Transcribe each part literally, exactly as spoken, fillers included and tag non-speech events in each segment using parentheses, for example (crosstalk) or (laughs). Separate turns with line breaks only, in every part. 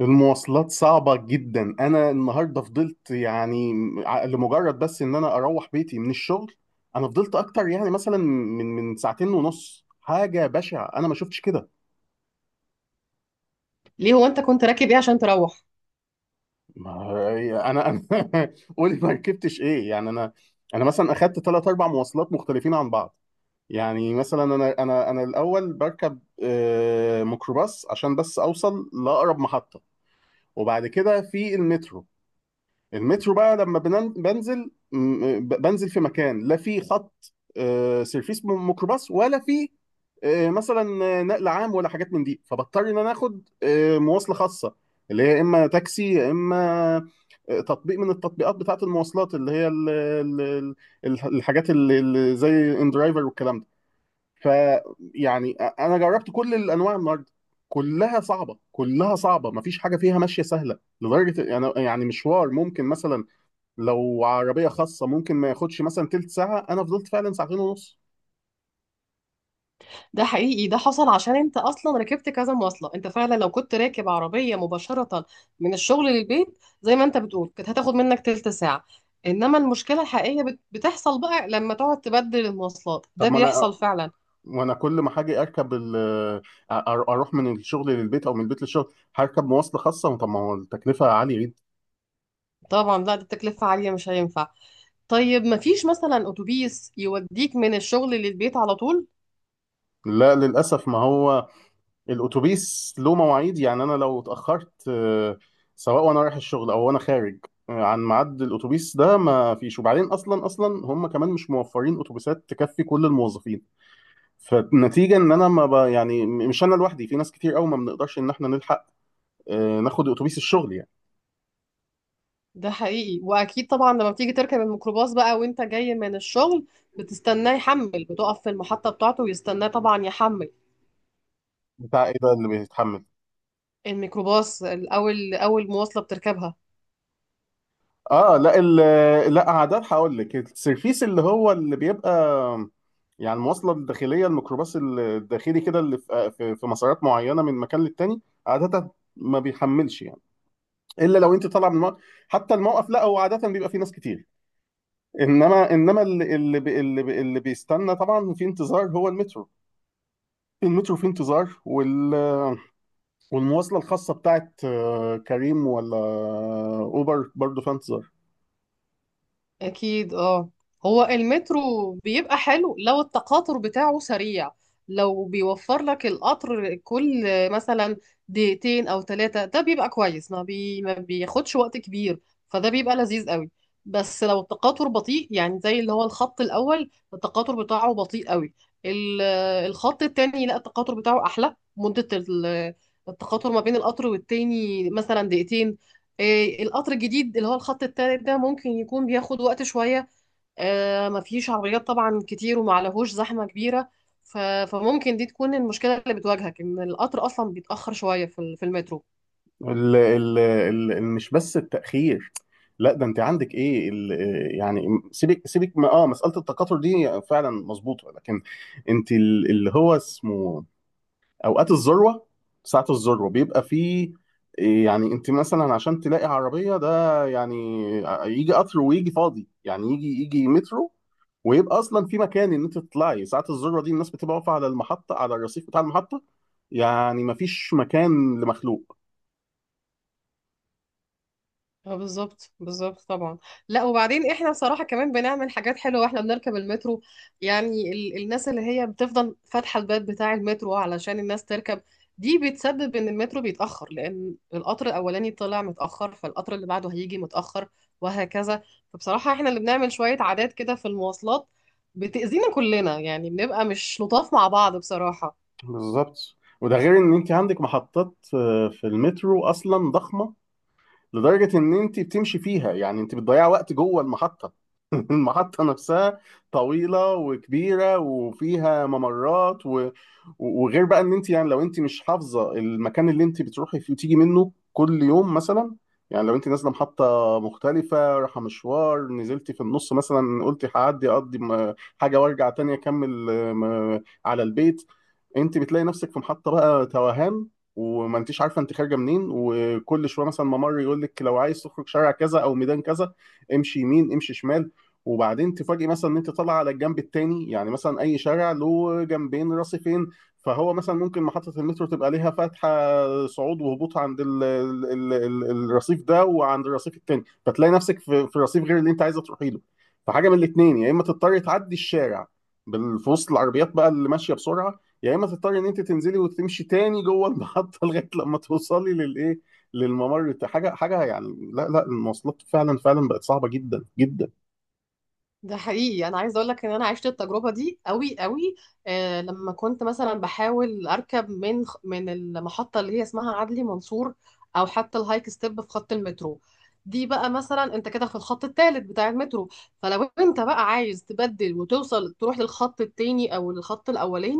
المواصلات صعبة جدا. أنا النهاردة فضلت يعني ع- لمجرد بس إن أنا أروح بيتي من الشغل. أنا فضلت أكتر يعني مثلا من من ساعتين ونص. حاجة بشعة، أنا ما شفتش كده.
ليه؟ هو انت كنت راكب ايه عشان تروح؟
ما- أنا أنا (laughs) قولي، ما ركبتش إيه يعني أنا؟ أنا مثلا أخدت ثلاث أربع مواصلات مختلفين عن بعض. يعني مثلا أنا أنا أنا الأول بركب آه، ميكروباص عشان بس أوصل لأقرب محطة. وبعد كده في المترو. المترو بقى لما بنن- بنزل، م- ب- بنزل في مكان، لا في خط آه، سيرفيس م- ميكروباص، ولا في آه، مثلا آه، نقل عام، ولا حاجات من دي. فبضطر ان انا اخد آه، مواصله خاصه، اللي هي اما تاكسي، يا اما آه، تطبيق من التطبيقات بتاعه المواصلات، اللي هي ال- ال- ال- ال- الحاجات اللي اللي زي ان درايفر والكلام ده. فيعني انا جربت كل الانواع النهارده. كلها صعبه، كلها صعبه، مفيش حاجه فيها ماشيه سهله لدرجه يعني يعني مشوار ممكن مثلا لو عربيه خاصه ممكن ما ياخدش مثلا تلت ساعه، انا فضلت فعلا ساعتين ونص.
ده حقيقي، ده حصل عشان انت اصلا ركبت كذا مواصله. انت فعلا لو كنت راكب عربيه مباشره من الشغل للبيت زي ما انت بتقول كانت هتاخد منك تلت ساعه. انما المشكله الحقيقيه بت- بتحصل بقى لما تقعد تبدل المواصلات.
طب
ده
ما انا،
بيحصل فعلا.
وانا كل ما حاجه اركب ال- أ- اروح من الشغل للبيت، او من البيت للشغل هركب مواصله خاصه. طب ما هو التكلفه عاليه جدا.
طبعا، لا. دي تكلفه عاليه، مش هينفع. طيب مفيش مثلا اتوبيس يوديك من الشغل للبيت على طول؟
لا للاسف، ما هو الاتوبيس له مواعيد. يعني انا لو اتاخرت آه، سواء وانا رايح الشغل او وانا خارج آه، عن ميعاد الاتوبيس ده ما فيش. وبعدين اصلا اصلا هم كمان مش موفرين اتوبيسات تكفي كل الموظفين. فالنتيجه ان انا ما ب... يعني م- مش انا لوحدي، في ناس كتير قوي ما بنقدرش ان احنا نلحق آه، ناخد اتوبيس الشغل يعني.
ده حقيقي، واكيد طبعا لما بتيجي تركب الميكروباص بقى وانت جاي من الشغل بتستناه يحمل. بتقف في المحطة بتاعته ويستناه طبعا يحمل.
بتاع ايه ده اللي بيتحمل؟
الميكروباص الاول، اول مواصلة بتركبها.
اه، لا، ال... لا عادات، هقول لك السيرفيس اللي هو اللي بيبقى يعني المواصله الداخليه، الميكروباص الداخلي كده، اللي في في في مسارات معينه من مكان للتاني. عاده ما بيحملش يعني، الا لو انت طالع من الموقف. حتى الموقف، لا هو عاده بيبقى فيه ناس كتير. انما انما اللي اللي بي- اللي, بي- اللي بيستنى طبعا في انتظار هو المترو. المترو في انتظار، وال... والمواصلة الخاصة بتاعت آه، كريم ولا أوبر برضو فانتظر.
أكيد. اه، هو المترو بيبقى حلو لو التقاطر بتاعه سريع. لو بيوفر لك القطر كل مثلا دقيقتين أو ثلاثة، ده بيبقى كويس، ما, بي... ما بياخدش وقت كبير. فده بيبقى لذيذ قوي. بس لو التقاطر بطيء، يعني زي اللي هو الخط الأول التقاطر بتاعه بطيء قوي. ال- الخط التاني لا، التقاطر بتاعه أحلى. مدة ال- التقاطر ما بين القطر والتاني مثلا دقيقتين. إيه، القطر الجديد اللي هو الخط التالت ده ممكن يكون بياخد وقت شوية. آه، مفيش عربيات طبعا كتير ومعلهوش زحمة كبيرة. ف- فممكن دي تكون المشكلة اللي بتواجهك، إن القطر أصلا بيتأخر شوية في ال- في المترو.
ال ال ال ال- مش بس التأخير، لا ده انت عندك ايه ال آه، يعني، سيبك سيبك ما اه مسألة التكاثر دي فعلا مظبوطة، لكن انت ال- اللي هو اسمه اوقات الذروه، ساعه الذروه بيبقى فيه، إيه، يعني انت مثلا عشان تلاقي عربيه، ده يعني يجي قطر ويجي فاضي يعني يجي يجي مترو، ويبقى اصلا في مكان ان انت تطلعي. ساعه الذروه دي الناس بتبقى واقفه على المحطه، على الرصيف بتاع المحطه، يعني مفيش مكان لمخلوق.
اه، بالظبط، بالظبط طبعا. لا، وبعدين احنا صراحة كمان بنعمل حاجات حلوة واحنا بنركب المترو. يعني ال الناس اللي هي بتفضل فاتحة الباب بتاع المترو علشان الناس تركب، دي بتسبب ان المترو بيتأخر، لان القطر الاولاني طلع متأخر فالقطر اللي بعده هيجي متأخر وهكذا. فبصراحة احنا اللي بنعمل شوية عادات كده في المواصلات بتأذينا كلنا. يعني بنبقى مش لطاف مع بعض بصراحة.
بالظبط. وده غير ان انت عندك محطات آه، في المترو اصلا ضخمه، لدرجه ان انت بتمشي فيها، يعني انت بتضيع وقت جوه المحطه. (laughs) المحطة نفسها طويلة وكبيرة وفيها ممرات و... وغير بقى ان انت يعني، لو انت مش حافظة المكان اللي انت بتروحي فيه وتيجي منه كل يوم مثلا، يعني لو انت نازلة محطة مختلفة، رايحة مشوار نزلتي في النص مثلا، قلتي هعدي اقضي م- حاجة وارجع تاني اكمل آه، م- على البيت، انت بتلاقي نفسك في محطة بقى توهان، وما انتيش عارفة انت خارجة منين. وكل شوية مثلا ممر يقول لك لو عايز تخرج شارع كذا او ميدان كذا، امشي يمين، امشي شمال. وبعدين تفاجئ مثلا ان انت طالع على الجنب التاني، يعني مثلا اي شارع له جنبين، رصيفين، فهو مثلا ممكن محطة المترو تبقى ليها فتحة صعود وهبوط عند ال ال ال ال الرصيف ده وعند الرصيف التاني، فتلاقي نفسك في, في رصيف غير اللي انت عايزة تروحي له. فحاجة من الاتنين، يا اما تضطري تعدي الشارع بال- في وسط العربيات بقى اللي ماشية بسرعة، يا اما تضطري ان انت تنزلي وتمشي تاني جوه المحطة (laughs) لغاية لما توصلي للايه، للممر بتاع- حاجة حاجة يعني، لا لا، المواصلات فعلا فعلا بقت صعبة جدا جدا.
ده حقيقي، انا عايزه اقول لك ان انا عشت التجربه دي قوي قوي. آه لما كنت مثلا بحاول اركب من خ- من المحطه اللي هي اسمها عدلي منصور، او حتى الهايك ستيب، في خط المترو. دي بقى مثلا انت كده في الخط الثالث بتاع المترو. فلو انت بقى عايز تبدل وتوصل تروح للخط التاني او الخط الاولاني،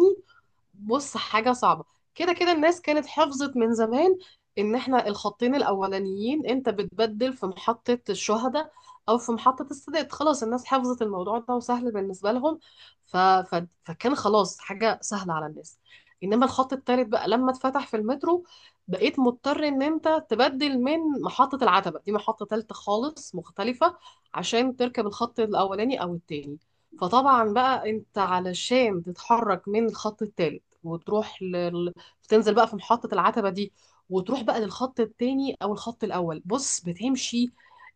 بص، حاجة صعبة. كده كده الناس كانت حفظت من زمان ان احنا الخطين الاولانيين انت بتبدل في محطة الشهداء، او في محطة السادات. خلاص، الناس حفظت الموضوع ده وسهل بالنسبة لهم. ف... ف... فكان خلاص حاجة سهلة على الناس. انما الخط التالت بقى لما اتفتح في المترو، بقيت مضطر ان انت تبدل من محطة العتبة. دي محطة تالتة خالص مختلفة عشان تركب الخط الاولاني او التاني. فطبعا بقى انت علشان تتحرك من الخط التالت، وتروح لل... تنزل بقى في محطة العتبة دي وتروح بقى للخط التاني او الخط الاول. بص، بتمشي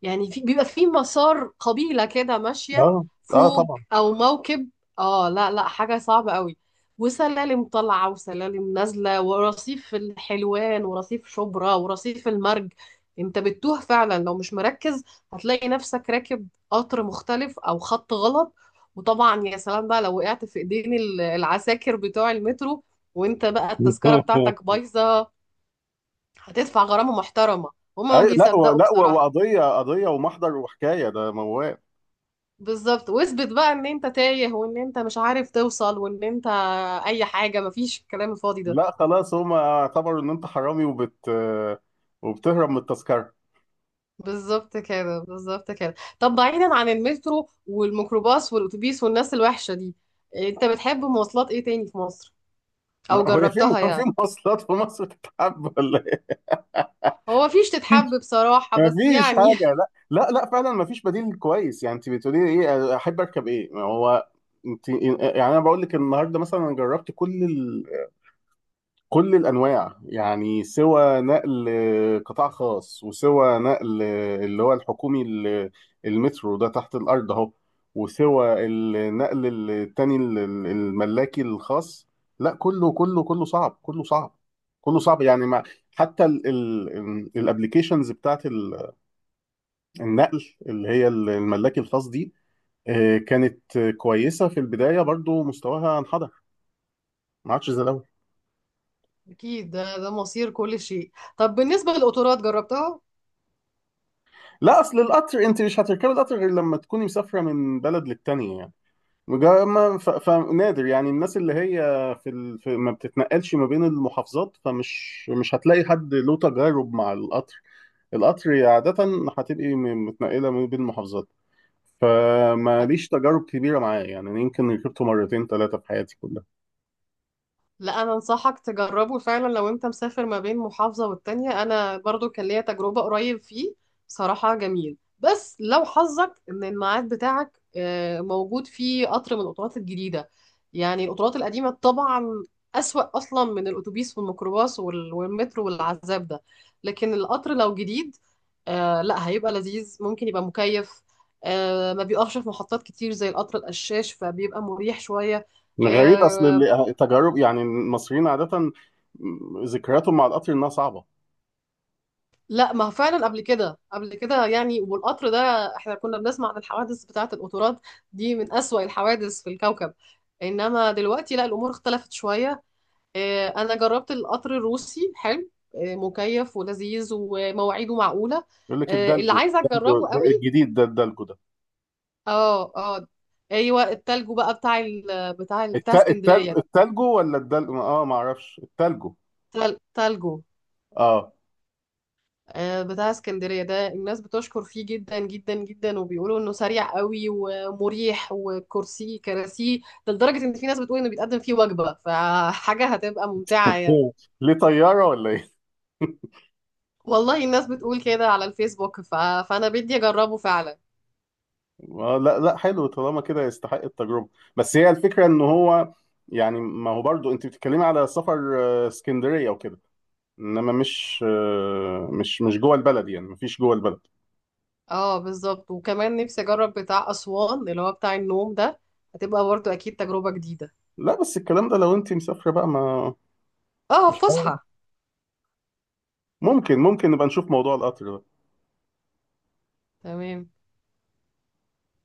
يعني في... بيبقى في مسار قبيلة كده ماشية
اه، اه،
فوق،
طبعا.
او موكب. اه، لا لا، حاجة صعبة قوي، وسلالم طالعة وسلالم نازلة، ورصيف الحلوان ورصيف شبرا ورصيف المرج. انت بتتوه فعلا لو مش مركز. هتلاقي نفسك راكب قطر مختلف او خط غلط. وطبعا يا سلام بقى لو وقعت في ايدين ال- العساكر بتوع المترو وانت بقى التذكرة بتاعتك
(laughs)
بايظة. هتدفع غرامة محترمة. هما ما
أي، لا و-
بيصدقوا
لا و-
بصراحة.
وقضيه قضيه ومحضر وحكايه، ده موال.
بالظبط. واثبت بقى ان انت تايه وان انت مش عارف توصل وان انت اي حاجة. مفيش الكلام الفاضي ده.
لا خلاص، هم اعتبروا ان انت حرامي وبت وبتهرب من التذكره.
بالظبط كده، بالظبط كده. طب، بعيدا عن المترو والميكروباص والاتوبيس والناس الوحشة دي، انت بتحب مواصلات ايه تاني في مصر؟ او
ما- هو في
جربتها
كان في
يعني؟
مواصلات في مصر تتحب ولا ايه؟ (laughs)
هو مفيش تتحب بصراحة، بس
مفيش
يعني.
حاجه، لا لا لا، فعلا مفيش بديل كويس. يعني انت بتقولي لي ايه؟ احب اركب ايه؟ ما هو انت يعني، انا بقول لك النهارده مثلا انا جربت كل كل الانواع، يعني سوى نقل قطاع خاص، وسوى نقل اللي هو الحكومي، ال- المترو ده تحت الارض اهو، وسوى النقل التاني ال- ال- الملاكي الخاص. لا كله كله كله صعب، كله صعب، كله صعب يعني. ما حتى الابلكيشنز بتاعت ال- النقل، اللي هي الملاكي الخاص دي آه، كانت كويسة في البداية، برضو مستواها انحدر، ما عادش زي الاول.
(laughs) اكيد. ده ده مصير كل شيء. طب بالنسبة للقطارات، جربتها؟
لا، اصل القطر انت مش هتركبي القطر غير لما تكوني مسافره من بلد للتانيه يعني. وجا- ما- ف- فنادر يعني، الناس اللي هي في, ال... في ما بتتنقلش ما بين المحافظات، فمش مش هتلاقي حد له تجارب مع القطر. القطر عاده هتبقي م- متنقله ما بين المحافظات، فماليش تجارب كبيره معاه يعني. أنا يمكن ركبته مرتين ثلاثه في حياتي كلها.
لا، انا انصحك تجربه فعلا. لو انت مسافر ما بين محافظة والتانية، انا برضو كان ليا تجربة قريب فيه. صراحة جميل، بس لو حظك ان الميعاد بتاعك آه، موجود فيه قطر من القطارات الجديدة. يعني القطارات القديمة طبعا اسوأ اصلا من الاتوبيس والميكروباص وال- والمترو والعذاب ده. لكن القطر لو جديد، آه، لا، هيبقى لذيذ، ممكن يبقى مكيف. آه، ما بيقفش في محطات كتير زي القطر القشاش، فبيبقى مريح شوية.
غريب، اصل
آه،
اللي- التجارب يعني المصريين عاده ذكرياتهم مع القطر انها صعبه.
لا ما هو فعلا قبل كده، قبل كده يعني. والقطر ده احنا كنا بنسمع عن الحوادث بتاعة القطورات، دي من أسوأ الحوادث في الكوكب. انما دلوقتي لا، الامور اختلفت شوية. آه، انا جربت القطر الروسي، حلو، آه، مكيف ولذيذ ومواعيده معقولة.
يقول لك
آه، اللي
الدلجو،
عايزة
الدلجو-
اجربه قوي.
الجديد ده الدلجو،
اه اه، ايوه، التلجو بقى بتاع ال- بتاع ال-
الت...
بتاع
التل...
اسكندرية ده.
التلجو ولا الدل اه ما اعرفش، التلجو.
تل- تلجو.
اه،
آه، بتاع اسكندرية ده الناس بتشكر فيه جدا جدا جدا، وبيقولوا انه سريع قوي ومريح، وكرسيه كراسيه. ده لدرجة ان في ناس بتقول انه بيتقدم فيه وجبة. فحاجة هتبقى ممتعة يعني.
هو ليه طيارة ولا ايه؟
والله الناس بتقول كده على الفيسبوك. ف... فانا بدي اجربه فعلا.
(laughs) آه، لا لا، حلو. طالما كده يستحق التجربة. بس هي الفكرة ان هو يعني، ما هو برضو انت بتتكلمي على سفر آه، اسكندرية وكده، انما مش آه، مش مش جوه البلد، يعني مفيش جوه البلد.
اه، بالظبط. وكمان نفسي اجرب بتاع اسوان اللي هو بتاع النوم ده. هتبقى برضو اكيد تجربة جديدة.
لا بس الكلام ده، لو انت مسافرة بقى. ما
اه،
مش عارف،
فسحة.
ممكن ممكن نبقى نشوف موضوع القطر ده.
تمام.